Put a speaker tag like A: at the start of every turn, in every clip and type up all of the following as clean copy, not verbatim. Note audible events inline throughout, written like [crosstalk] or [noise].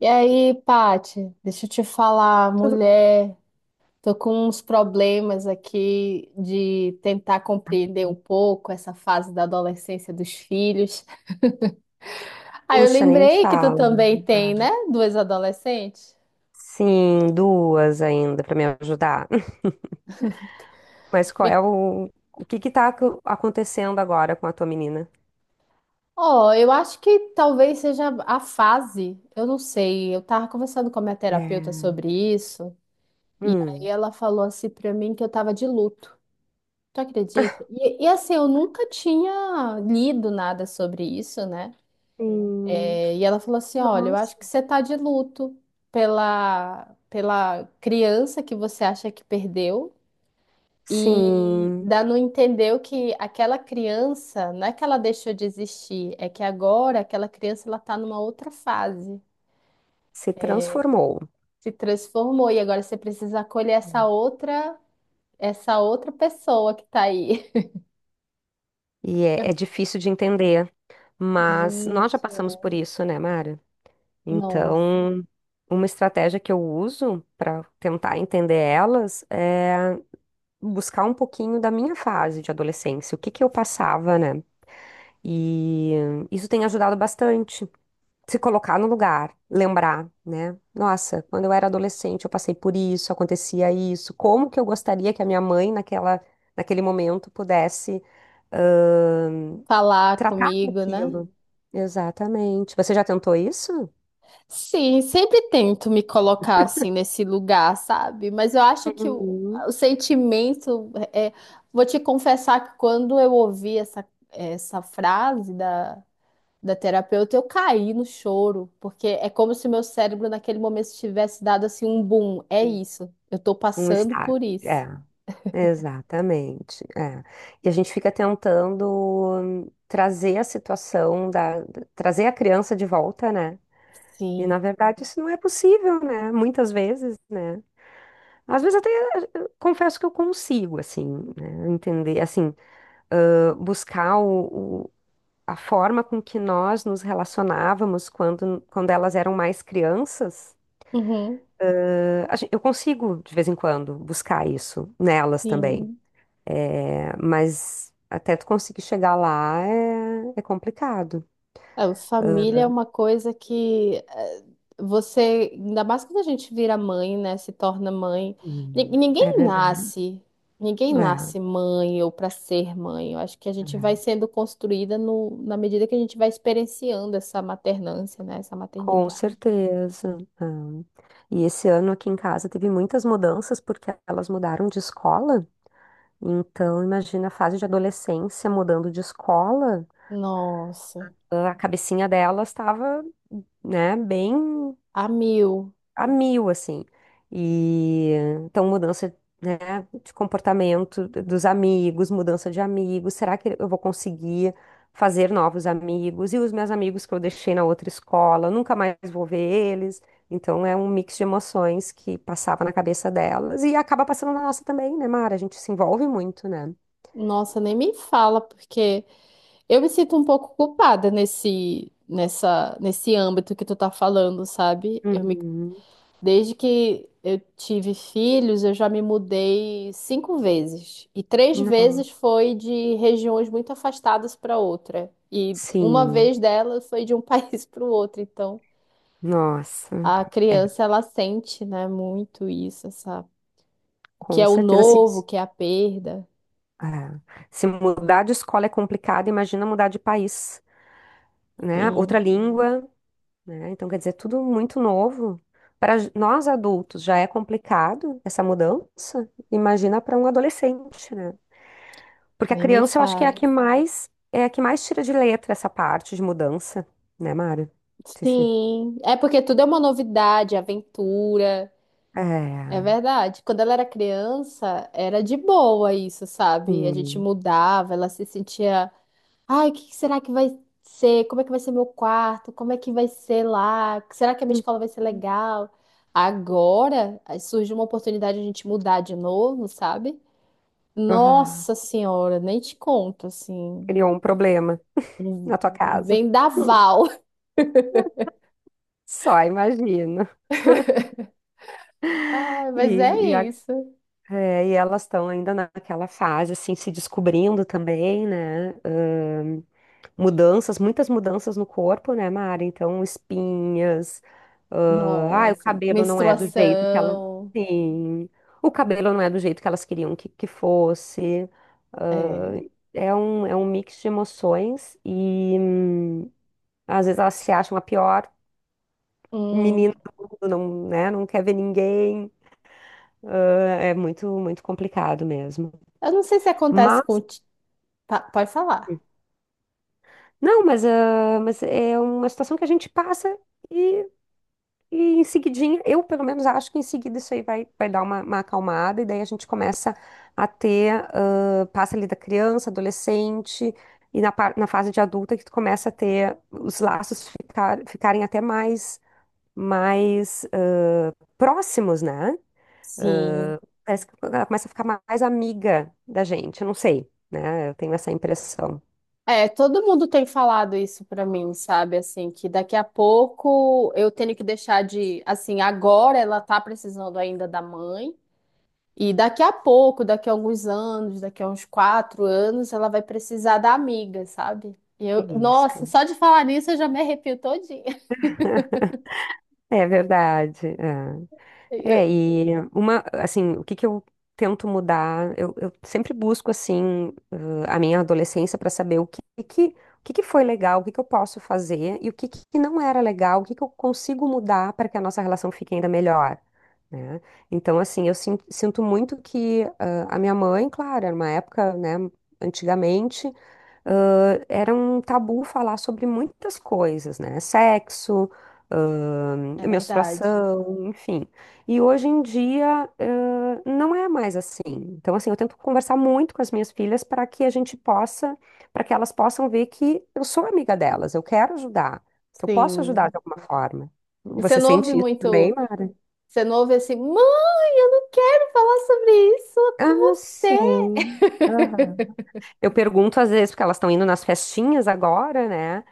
A: E aí, Pati, deixa eu te falar,
B: Tudo...
A: mulher, tô com uns problemas aqui de tentar compreender um
B: bem.
A: pouco essa fase da adolescência dos filhos. Ah, eu
B: Puxa, nem me
A: lembrei que tu
B: fala.
A: também tem, né? Duas adolescentes.
B: Sim, duas ainda pra me ajudar. [laughs] Mas qual é
A: Me-
B: O que que tá acontecendo agora com a tua menina?
A: Ó, eu acho que talvez seja a fase, eu não sei. Eu tava conversando com a minha terapeuta
B: É.
A: sobre isso, e aí
B: Hum.
A: ela falou assim pra mim que eu tava de luto. Tu acredita? E assim, eu nunca tinha lido nada sobre isso, né?
B: Sim.
A: É, e ela falou assim: Olha, eu acho que
B: Nossa.
A: você tá de luto pela criança que você acha que perdeu, e
B: Sim,
A: dá não entendeu que aquela criança, não é que ela deixou de existir, é que agora aquela criança ela tá numa outra fase,
B: se transformou.
A: se transformou, e agora você precisa acolher essa outra pessoa que tá aí.
B: É difícil de entender,
A: [laughs]
B: mas nós já
A: Gente,
B: passamos
A: é.
B: por isso, né, Mara?
A: Nossa,
B: Então, uma estratégia que eu uso para tentar entender elas é buscar um pouquinho da minha fase de adolescência, o que que eu passava, né? E isso tem ajudado bastante. Se colocar no lugar, lembrar, né? Nossa, quando eu era adolescente, eu passei por isso, acontecia isso. Como que eu gostaria que a minha mãe, naquele momento, pudesse, ahn,
A: falar
B: tratar com
A: comigo, né?
B: aquilo? Exatamente. Você já tentou isso?
A: Sim, sempre tento me colocar assim nesse lugar, sabe? Mas eu acho que o,
B: Uhum.
A: o sentimento é, vou te confessar que quando eu ouvi essa frase da, da terapeuta, eu caí no choro, porque é como se meu cérebro naquele momento tivesse dado assim um boom. É isso, eu tô
B: Um
A: passando
B: estágio.
A: por isso.
B: Exatamente. É. E a gente fica tentando trazer a trazer a criança de volta, né? E
A: Sim.
B: na verdade isso não é possível, né? Muitas vezes, né? Às vezes até confesso que eu consigo, assim, né? Entender, assim, buscar a forma com que nós nos relacionávamos quando elas eram mais crianças.
A: Uhum,
B: Eu consigo, de vez em quando, buscar isso nelas também.
A: sim.
B: É, mas até tu conseguir chegar lá é complicado.
A: É, a família é uma coisa que você, ainda mais quando a gente vira mãe, né? Se torna mãe. Ni-
B: Hum. É
A: Ninguém
B: verdade.
A: nasce, ninguém
B: É,
A: nasce mãe ou para ser mãe. Eu acho que a gente vai
B: é.
A: sendo construída no, na medida que a gente vai experienciando essa maternância, né? Essa
B: Com
A: maternidade.
B: certeza. É. E esse ano aqui em casa teve muitas mudanças porque elas mudaram de escola. Então, imagina a fase de adolescência mudando de escola,
A: Nossa,
B: a cabecinha delas estava, né, bem.
A: a mil.
B: A mil, assim. E então, mudança, né, de comportamento dos amigos, mudança de amigos. Será que eu vou conseguir fazer novos amigos? E os meus amigos que eu deixei na outra escola, nunca mais vou ver eles. Então, é um mix de emoções que passava na cabeça delas e acaba passando na nossa também, né, Mara? A gente se envolve muito, né?
A: Nossa, nem me fala, porque eu me sinto um pouco culpada nesse âmbito que tu tá falando, sabe? Eu me
B: Uhum.
A: desde que eu tive filhos, eu já me mudei cinco vezes. E três
B: Nossa.
A: vezes foi de regiões muito afastadas para outra. E uma
B: Sim,
A: vez delas foi de um [laughs] país para o outro. Então,
B: nossa.
A: a
B: É,
A: criança, ela sente, né, muito isso, essa... o que
B: com
A: é o
B: certeza. Assim,
A: novo, o que é a perda.
B: é. Se mudar de escola é complicado, imagina mudar de país, né? Outra
A: Sim,
B: língua, né? Então, quer dizer, tudo muito novo. Para nós adultos já é complicado essa mudança, imagina para um adolescente, né? Porque a
A: nem me
B: criança eu acho que é a
A: fale.
B: que mais tira de letra essa parte de mudança, né, Mário? Não sei.
A: Sim, é porque tudo é uma novidade, aventura. É
B: É,
A: verdade. Quando ela era criança, era de boa isso, sabe? A gente
B: sim.
A: mudava, ela se sentia, ai, o que que será que vai ser? Como é que vai ser meu quarto? Como é que vai ser lá? Será que a minha
B: Hum.
A: escola vai ser legal? Agora, aí surge uma oportunidade de a gente mudar de novo, sabe?
B: Ah,
A: Nossa Senhora, nem te conto, assim,
B: criou um problema na
A: um
B: tua
A: um
B: casa.
A: vendaval. [laughs]
B: Só imagino. [laughs]
A: Ai, mas é
B: E, e
A: isso.
B: É, e elas estão ainda naquela fase, assim, se descobrindo também, né? Mudanças, muitas mudanças no corpo, né, Mara? Então, espinhas. O
A: Nossa,
B: cabelo não é do jeito que ela.
A: menstruação.
B: Sim, o cabelo não é do jeito que elas queriam que fosse. Ah,
A: É.
B: é um mix de emoções e às vezes elas se acham a pior
A: Hum.
B: menina do mundo, não, né? Não quer ver ninguém. É muito, muito complicado mesmo.
A: Eu não sei se acontece
B: Mas.
A: pode falar.
B: Não, mas, ah, mas é uma situação que a gente passa e, e em seguidinha, eu pelo menos acho que em seguida isso aí vai dar uma acalmada e daí a gente começa a ter, passa ali da criança, adolescente e na fase de adulta que tu começa a ter os laços ficarem até mais, mais próximos, né?
A: Sim.
B: Ah, parece que ela começa a ficar mais amiga da gente, eu não sei, né? Eu tenho essa impressão.
A: É, todo mundo tem falado isso pra mim, sabe? Assim, que daqui a pouco eu tenho que deixar de. Assim, agora ela tá precisando ainda da mãe. E daqui a pouco, daqui a alguns anos, daqui a uns quatro anos, ela vai precisar da amiga, sabe? E eu, nossa,
B: Isso.
A: só de falar nisso eu já me arrepio todinha. [laughs]
B: É verdade. É. É,
A: Eu-
B: e uma, assim, o que que eu tento mudar? Eu sempre busco, assim, a minha adolescência para saber o que que foi legal, o que que eu posso fazer e o que que não era legal, o que que eu consigo mudar para que a nossa relação fique ainda melhor, né? Então, assim, eu sinto muito que a minha mãe, claro, era uma época, né, antigamente, era um tabu falar sobre muitas coisas, né? Sexo,
A: É verdade.
B: menstruação, enfim. E hoje em dia, não é mais assim. Então, assim, eu tento conversar muito com as minhas filhas para que a gente possa, para que elas possam ver que eu sou amiga delas, eu quero ajudar, que eu posso ajudar
A: Sim.
B: de alguma forma.
A: E você
B: Você
A: não ouve
B: sente isso
A: muito.
B: também, Mara?
A: Você não ouve assim, mãe, eu não quero falar sobre isso com
B: Ah,
A: você.
B: sim. Aham. Eu pergunto às vezes, porque elas estão indo nas festinhas agora, né?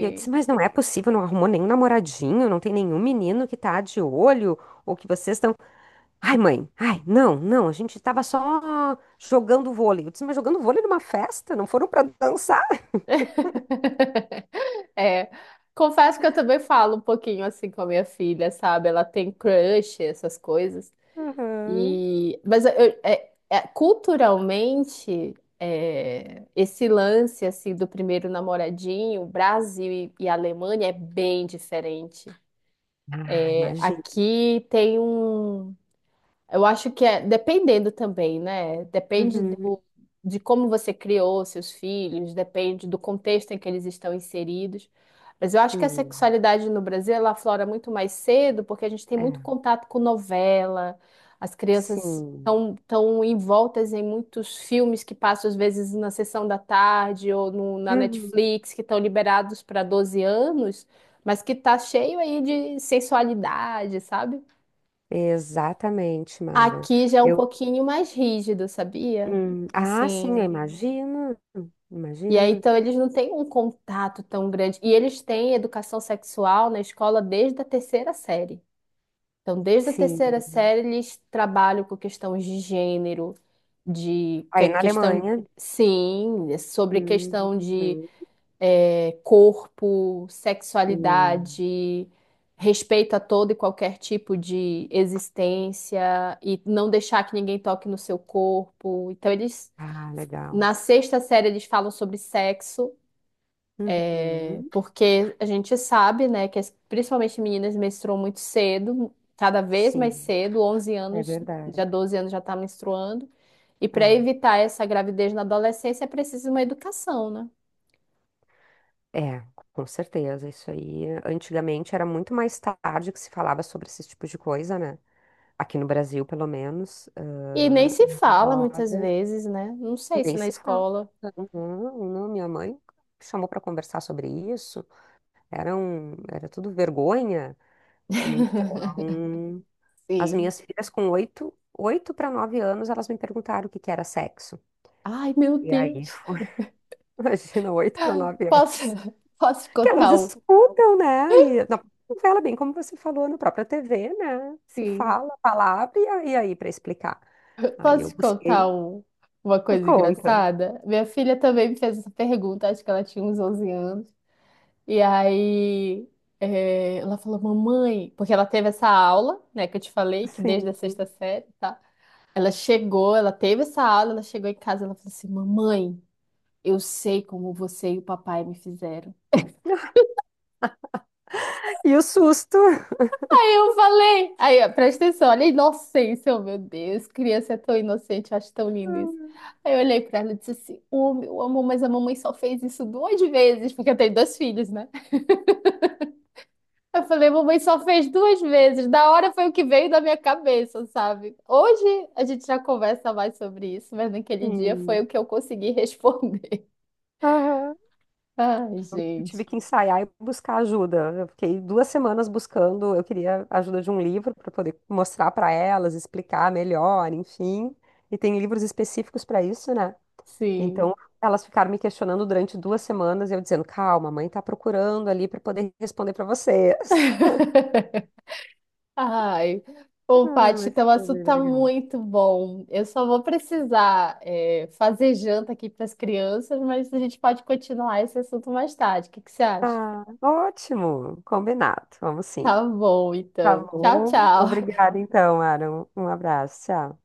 B: E eu disse, mas não é possível, não arrumou nenhum namoradinho, não tem nenhum menino que tá de olho, ou que vocês estão. Ai, mãe, ai, não, não, a gente tava só jogando vôlei. Eu disse, mas jogando vôlei numa festa? Não foram pra dançar?
A: [laughs] É, confesso que eu também falo um pouquinho assim com a minha filha, sabe? Ela tem crush, essas coisas.
B: Uhum.
A: E, culturalmente, é, esse lance assim do primeiro namoradinho, Brasil e Alemanha é bem diferente.
B: Ah,
A: É,
B: imagina.
A: aqui tem um eu acho que é dependendo também, né? Depende
B: Uhum,
A: do, de como você criou seus filhos, depende do contexto em que eles estão inseridos. Mas eu acho que a
B: sim,
A: sexualidade no Brasil ela aflora muito mais cedo, porque a gente tem muito
B: é,
A: contato com novela, as crianças
B: sim.
A: estão tão envoltas em muitos filmes que passam às vezes na sessão da tarde ou na
B: Uhum.
A: Netflix, que estão liberados para 12 anos, mas que tá cheio aí de sensualidade, sabe?
B: Exatamente, Mara.
A: Aqui já é um
B: Eu,
A: pouquinho mais rígido, sabia?
B: ah, sim, eu
A: Assim.
B: imagino,
A: E aí,
B: imagino,
A: então, eles não têm um contato tão grande. E eles têm educação sexual na escola desde a terceira série. Então, desde a terceira
B: sim.
A: série, eles trabalham com questões de gênero,
B: Aí na
A: questão,
B: Alemanha,
A: sim, sobre questão de
B: uhum,
A: é, corpo,
B: sim.
A: sexualidade, respeito a todo e qualquer tipo de existência e não deixar que ninguém toque no seu corpo. Então eles
B: Ah, legal.
A: na sexta série eles falam sobre sexo, é,
B: Uhum,
A: porque a gente sabe, né, principalmente meninas menstruam muito cedo, cada vez mais
B: sim,
A: cedo, 11
B: é
A: anos,
B: verdade.
A: já 12 anos já está menstruando. E para
B: É,
A: evitar essa gravidez na adolescência é preciso uma educação, né?
B: é, com certeza. Isso aí, antigamente era muito mais tarde que se falava sobre esses tipos de coisa, né? Aqui no Brasil, pelo menos.
A: E nem se fala
B: Ah,
A: muitas
B: agora,
A: vezes, né? Não sei
B: nem
A: se na
B: se fala.
A: escola.
B: Não, não, minha mãe chamou para conversar sobre isso. Era tudo vergonha.
A: [laughs]
B: Então, as
A: Sim.
B: minhas filhas com oito, oito para nove anos, elas me perguntaram o que que era sexo.
A: Ai, meu
B: E aí
A: Deus.
B: foi, [laughs] imagina, oito para nove
A: Posso,
B: anos.
A: [laughs] posso te
B: Que elas
A: contar um?
B: escutam, né? E na novela, bem como você falou, na própria TV, né? Se
A: Sim.
B: fala a palavra e e aí para explicar. Aí
A: Posso
B: eu
A: te
B: busquei
A: contar um, uma
B: por
A: coisa
B: conta,
A: engraçada? Minha filha também me fez essa pergunta, acho que ela tinha uns 11 anos. E aí, é, ela falou, mamãe, porque ela teve essa aula, né, que eu te falei, que
B: sim.
A: desde a sexta série, tá? Ela chegou, ela teve essa aula, ela chegou em casa, ela falou assim, mamãe, eu sei como você e o papai me fizeram.
B: E o susto.
A: Eu falei. Aí, ó, presta atenção, olha a inocência, oh, meu Deus, criança é tão inocente, eu acho tão lindo isso.
B: [laughs]
A: Aí eu olhei pra ela e disse assim: Ô, meu amor, mas a mamãe só fez isso duas vezes, porque eu tenho dois filhos, né? Eu falei: mamãe só fez duas vezes, da hora foi o que veio da minha cabeça, sabe? Hoje a gente já conversa mais sobre isso, mas naquele dia foi o
B: Sim.
A: que eu consegui responder.
B: Aham.
A: [laughs] Ai,
B: Eu tive
A: gente,
B: que ensaiar e buscar ajuda. Eu fiquei duas semanas buscando. Eu queria a ajuda de um livro para poder mostrar para elas, explicar melhor, enfim. E tem livros específicos para isso, né?
A: sim.
B: Então, elas ficaram me questionando durante duas semanas, e eu dizendo, calma, a mãe tá procurando ali para poder responder para vocês. [laughs]
A: [laughs] Ai, ô
B: Ah,
A: Paty,
B: mas
A: teu
B: foi
A: assunto
B: bem
A: tá
B: legal.
A: muito bom. Eu só vou precisar fazer janta aqui para as crianças, mas a gente pode continuar esse assunto mais tarde. O que que você acha?
B: Ah, ótimo, combinado, vamos sim.
A: Tá bom,
B: Tá
A: então. Tchau,
B: bom.
A: tchau.
B: Obrigada, então, Aaron. Um abraço. Tchau.